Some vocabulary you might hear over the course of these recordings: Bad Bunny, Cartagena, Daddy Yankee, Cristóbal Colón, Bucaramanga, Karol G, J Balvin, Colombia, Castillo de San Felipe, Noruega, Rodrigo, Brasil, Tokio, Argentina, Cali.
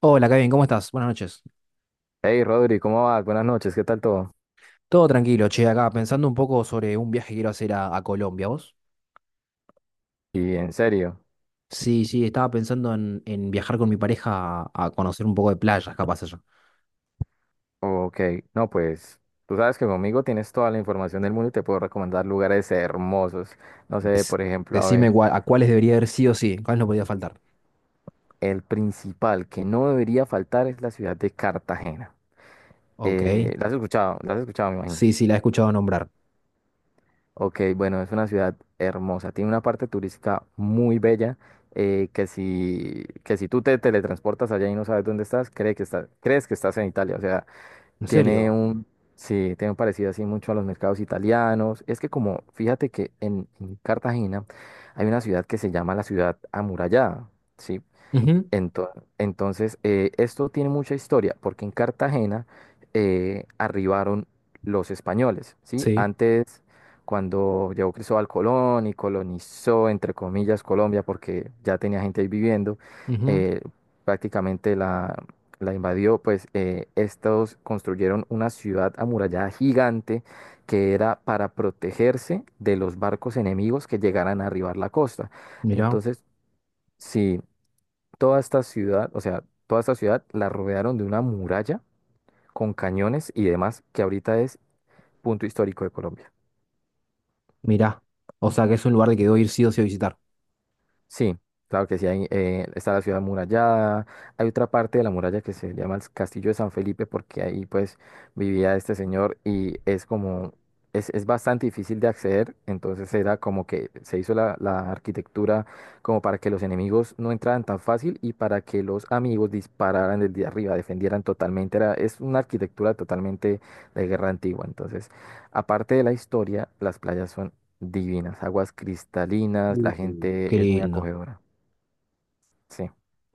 Hola, Kevin, ¿cómo estás? Buenas noches. Hey Rodri, ¿cómo vas? Buenas noches, ¿qué tal todo? Todo tranquilo, che, acá pensando un poco sobre un viaje que quiero hacer a Colombia, ¿vos? Y en serio, Sí, sí, estaba pensando en viajar con mi pareja a conocer un poco de playas, capaz allá. ok, no pues, tú sabes que conmigo tienes toda la información del mundo y te puedo recomendar lugares hermosos. No sé, Des- por ejemplo, a ver, ¿A cuáles debería haber sí o sí, cuáles no podía faltar? el principal que no debería faltar es la ciudad de Cartagena. Ok, ¿La has escuchado? ¿La has escuchado, me imagino? sí, sí, la he escuchado nombrar. Ok, bueno, es una ciudad hermosa, tiene una parte turística muy bella, que si tú te teletransportas allá y no sabes dónde estás, crees que estás en Italia, o sea. ¿En Tiene serio? un, sí, tiene un parecido así mucho a los mercados italianos. Es que como, fíjate que en Cartagena hay una ciudad que se llama la ciudad amurallada, ¿sí? Ujú. Ento- Entonces, esto tiene mucha historia, porque en Cartagena arribaron los españoles, ¿sí? Sí, Antes, cuando llegó Cristóbal Colón y colonizó, entre comillas, Colombia, porque ya tenía gente ahí viviendo, ujú. eh, prácticamente la invadió, pues estos construyeron una ciudad amurallada gigante que era para protegerse de los barcos enemigos que llegaran a arribar la costa. Mirá, Entonces, sí, toda esta ciudad, o sea, toda esta ciudad la rodearon de una muralla con cañones y demás que ahorita es punto histórico de Colombia. mirá. O sea que es un lugar que debo ir sí o sí a visitar. Sí, claro que sí, está la ciudad amurallada, hay otra parte de la muralla que se llama el Castillo de San Felipe porque ahí pues vivía este señor y es como, es bastante difícil de acceder, entonces era como que se hizo la arquitectura como para que los enemigos no entraran tan fácil y para que los amigos dispararan desde arriba, defendieran totalmente, era, es una arquitectura totalmente de guerra antigua, entonces aparte de la historia, las playas son divinas, aguas cristalinas, la Qué gente es muy lindo, acogedora. Sí,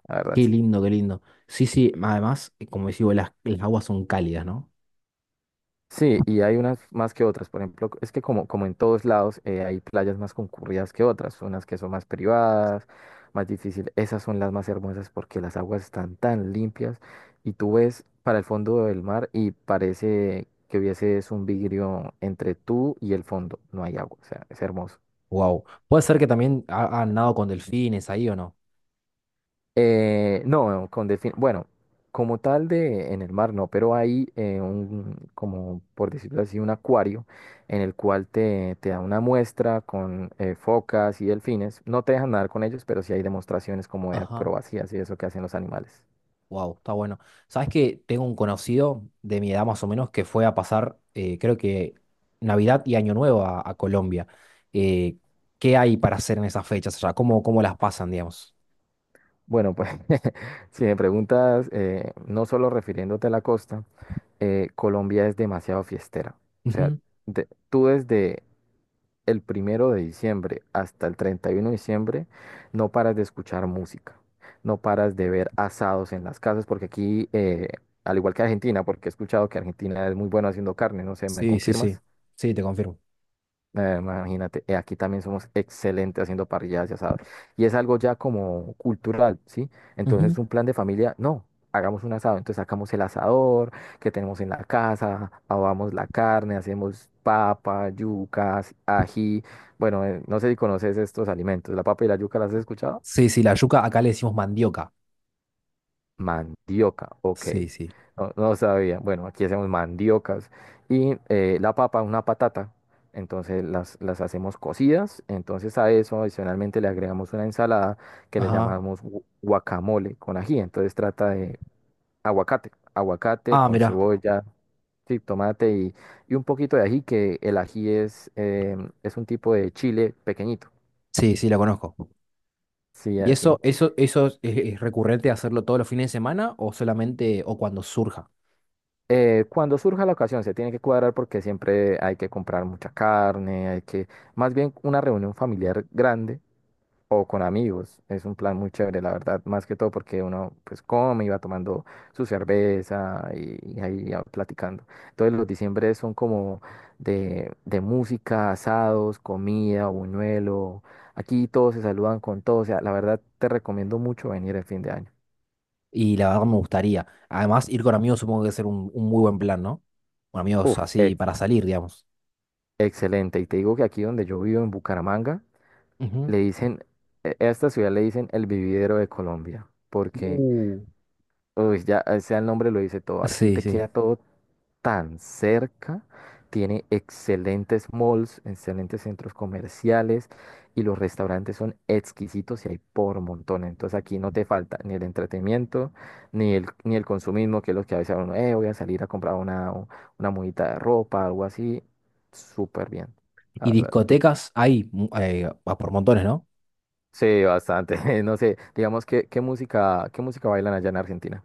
la verdad, qué sí. lindo, qué lindo. Sí, sí, además, como decís vos, las aguas son cálidas, ¿no? Sí, y hay unas más que otras. Por ejemplo, es que como en todos lados hay playas más concurridas que otras, unas que son más privadas, más difícil. Esas son las más hermosas porque las aguas están tan limpias y tú ves para el fondo del mar y parece que hubiese es un vidrio entre tú y el fondo. No hay agua, o sea, es hermoso. Wow. Puede ser que también han nadado con delfines ahí o no. No, con delfín. Bueno, como tal de en el mar no, pero hay como por decirlo así, un acuario en el cual te da una muestra con focas y delfines. No te dejan nadar con ellos, pero sí hay demostraciones como de Ajá. acrobacias y eso que hacen los animales. Wow, está bueno. ¿Sabes que tengo un conocido de mi edad más o menos que fue a pasar, creo que Navidad y Año Nuevo a Colombia? Eh, ¿Qué hay para hacer en esas fechas allá? ¿Cómo, cómo las pasan, digamos? Bueno, pues si me preguntas, no solo refiriéndote a la costa, Colombia es demasiado fiestera. O sea, Ujú. Tú desde el 1 de diciembre hasta el 31 de diciembre, no paras de escuchar música, no paras de ver asados en las casas, porque aquí, al igual que Argentina, porque he escuchado que Argentina es muy bueno haciendo carne, no sé, ¿me Sí, sí, sí. confirmas? Sí, te confirmo. Imagínate, aquí también somos excelentes haciendo parrilladas y asados. Y es algo ya como cultural, ¿sí? Ujú. Entonces un plan de familia, no, hagamos un asado. Entonces sacamos el asador que tenemos en la casa, ahogamos la carne, hacemos papa, yucas, ají. Bueno, no sé si conoces estos alimentos. ¿La papa y la yuca las has escuchado? Sí, sí, la yuca acá le decimos mandioca. Mandioca, ok. Sí, sí. No, no sabía. Bueno, aquí hacemos mandiocas. Y la papa, una patata. Entonces las hacemos cocidas. Entonces a eso adicionalmente le agregamos una ensalada que le Ajá. llamamos guacamole con ají. Entonces trata de aguacate. Aguacate Ah, con mira. cebolla, sí, tomate y un poquito de ají, que el ají es un tipo de chile pequeñito. Sí, sí, la conozco. Sí, ¿Y eso, así. eso, eso es recurrente hacerlo todos los fines de semana o solamente o cuando surja? Cuando surja la ocasión, se tiene que cuadrar porque siempre hay que comprar mucha carne, más bien una reunión familiar grande o con amigos, es un plan muy chévere, la verdad, más que todo porque uno pues come y va tomando su cerveza y ahí va platicando. Entonces los diciembre son como de música, asados, comida, buñuelo, aquí todos se saludan con todos, o sea, la verdad te recomiendo mucho venir el fin de año. Y la verdad me gustaría. Además, ir con amigos supongo que es ser un muy buen plan, ¿no? Con amigos Uf, así ex- para salir, digamos. excelente, y te digo que aquí donde yo vivo en Bucaramanga, Ujú. le dicen, a esta ciudad le dicen el vividero de Colombia, porque, Uh. uy, ya, o sea, el nombre lo dice todo, aquí Sí, te sí. queda todo tan cerca, tiene excelentes malls, excelentes centros comerciales y los restaurantes son exquisitos y hay por montón, entonces aquí no te falta ni el entretenimiento, ni el consumismo, que es lo que a veces uno, voy a salir a comprar una mudita de ropa, algo así, súper bien, la ¿Y verdad. discotecas hay por montones, no? Sí, bastante. No sé, digamos que qué música bailan allá en Argentina.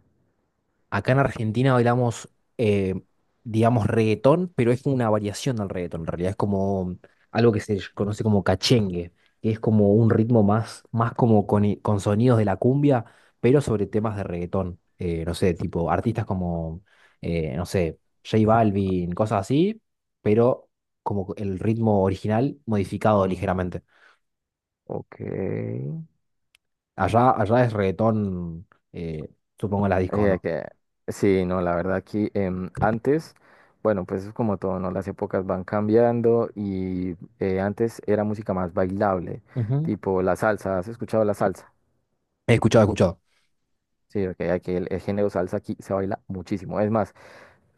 Acá en Argentina bailamos, eh, digamos, reggaetón, pero es como una variación del reggaetón. En realidad es como algo que conoce como cachengue, que es como un ritmo más, más como con, con sonidos de la cumbia, pero sobre temas de reggaetón. No sé, tipo artistas como, no sé, J Balvin, cosas así, pero como el ritmo original modificado Oh, ligeramente. ok. Allá, allá es reggaetón, eh, supongo en las discos, Eh, ¿no? que- sí, no, la verdad aquí antes, bueno, pues es como todo, ¿no? Las épocas van cambiando y antes era música más bailable, Ujú. tipo la salsa. ¿Has escuchado la salsa? He escuchado, he escuchado. Sí, ok, aquí el género salsa aquí se baila muchísimo. Es más,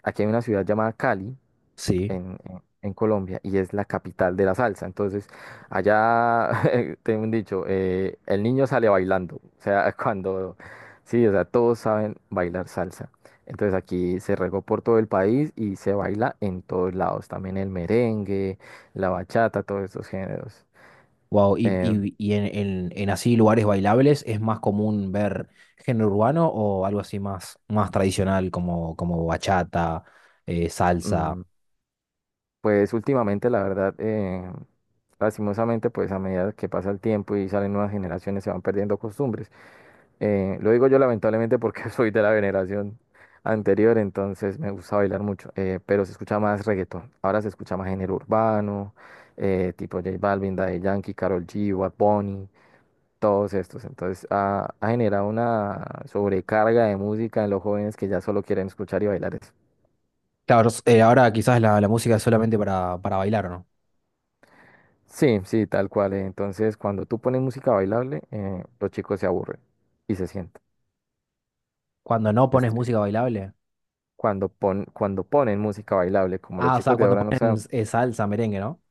aquí hay una ciudad llamada Cali Sí. en, en Colombia y es la capital de la salsa. Entonces, allá tengo un dicho, el niño sale bailando. O sea, sí, o sea, todos saben bailar salsa. Entonces aquí se regó por todo el país y se baila en todos lados. También el merengue, la bachata, todos estos géneros. Wow, y, Eh, y en, en así lugares bailables es más común ver género urbano o algo así más, más tradicional como, como bachata, salsa. mm, pues últimamente, la verdad, lastimosamente, pues a medida que pasa el tiempo y salen nuevas generaciones, se van perdiendo costumbres. Lo digo yo lamentablemente porque soy de la generación anterior, entonces me gusta bailar mucho, pero se escucha más reggaetón. Ahora se escucha más género urbano, tipo J Balvin, Daddy Yankee, Karol G, Bad Bunny, todos estos. Entonces ha generado una sobrecarga de música en los jóvenes que ya solo quieren escuchar y bailar eso. Claro, ahora quizás la, la música es solamente para bailar, ¿no? Sí, sí, tal cual. Entonces cuando tú pones música bailable, los chicos se aburren y se sientan. Cuando no Es pones triste. música bailable. Cuando ponen música bailable, como los Ah, o sea, chicos de cuando ahora no ponen saben. Salsa, merengue, ¿no?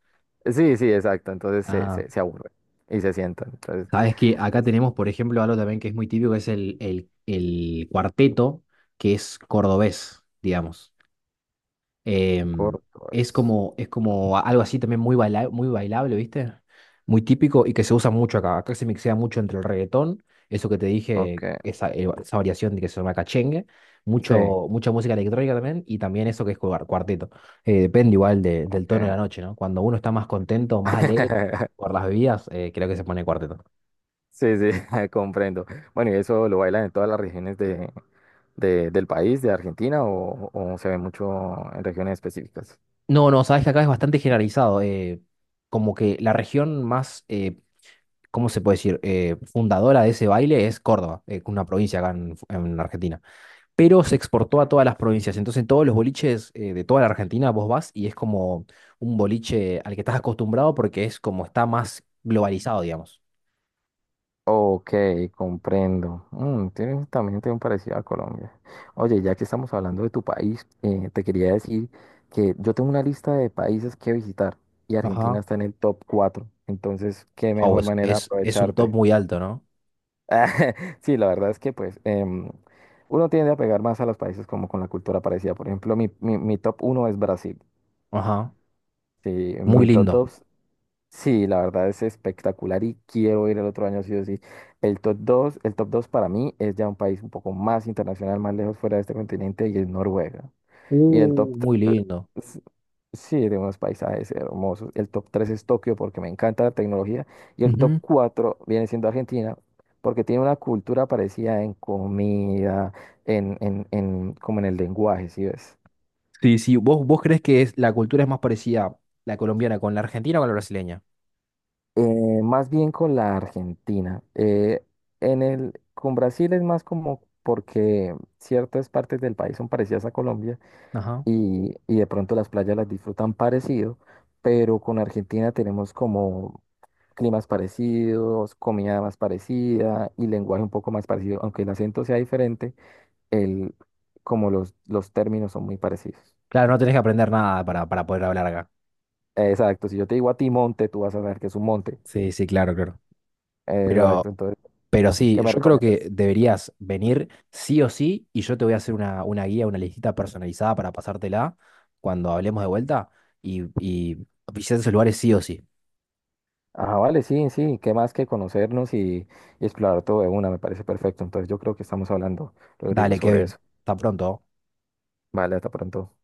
Sí, sí, exacto. Entonces se, Ah, se, se aburre y se sientan. Entonces sabes que acá es tenemos, por ejemplo, algo también que es muy típico, que es el cuarteto, que es cordobés, digamos. Em, corto, es. Es como algo así también muy bailable, ¿viste? Muy típico y que se usa mucho acá. Acá se mixea mucho entre el reggaetón, eso que te Ok, dije, esa, esa variación de que se llama cachengue, sí, mucho, mucha música electrónica también y también eso que es cuarteto. Depende igual del tono de la ok. noche, ¿no? Cuando uno está más contento, más alegre por las bebidas, creo que se pone cuarteto. Sí, sí, comprendo. Bueno, ¿y eso lo bailan en todas las regiones de, del país, de Argentina, o se ve mucho en regiones específicas? No, no, sabes que acá es bastante generalizado. Como que la región más, ¿cómo se puede decir? Fundadora de ese baile es Córdoba, una provincia acá en Argentina. Pero se exportó a todas las provincias. Entonces, en todos los boliches de toda la Argentina vos vas y es como un boliche al que estás acostumbrado porque es como está más globalizado, digamos. Ok, comprendo. También tiene un parecido a Colombia. Oye, ya que estamos hablando de tu país, te quería decir que yo tengo una lista de países que visitar y Argentina Ajá. está en el top 4. Entonces, qué Wow, mejor manera de es un top aprovecharte. muy alto, ¿no? Sí, la verdad es que pues uno tiende a pegar más a los países como con la cultura parecida. Por ejemplo, mi top uno es Brasil. Ajá. Sí, Muy mi top lindo. dos. Sí, la verdad es espectacular y quiero ir el otro año sí o sí. El top 2 para mí es ya un país un poco más internacional, más lejos fuera de este continente y es Noruega. Y el top Muy lindo. s- Sí, de unos paisajes hermosos. El top 3 es Tokio porque me encanta la tecnología. Y el top Ujú. 4 viene siendo Argentina porque tiene una cultura parecida en comida, como en el lenguaje, ¿sí ves? Sí, sí. ¿Vos, vos crees que es, la cultura es más parecida la colombiana con la argentina o con la brasileña? Más bien con la Argentina. Con Brasil es más como porque ciertas partes del país son parecidas a Colombia Ajá. y de pronto las playas las disfrutan parecido, pero con Argentina tenemos como climas parecidos, comida más parecida y lenguaje un poco más parecido, aunque el acento sea diferente, el, como los términos son muy parecidos. Claro, no tenés que aprender nada para, para poder hablar acá. Exacto, si yo te digo a ti monte, tú vas a saber que es un monte. Sí, sí, claro, claro. Pero, Exacto, entonces, pero ¿qué sí, me yo creo que recomiendas? deberías venir sí o sí y yo te voy a hacer una guía, una listita personalizada para pasártela cuando hablemos de vuelta y visitar esos lugares sí o sí. Ah, vale, sí, sí, qué más que conocernos y explorar todo de una, me parece perfecto. Entonces yo creo que estamos hablando, Rodrigo, Dale, sobre Kevin, eso. hasta pronto. Vale, hasta pronto.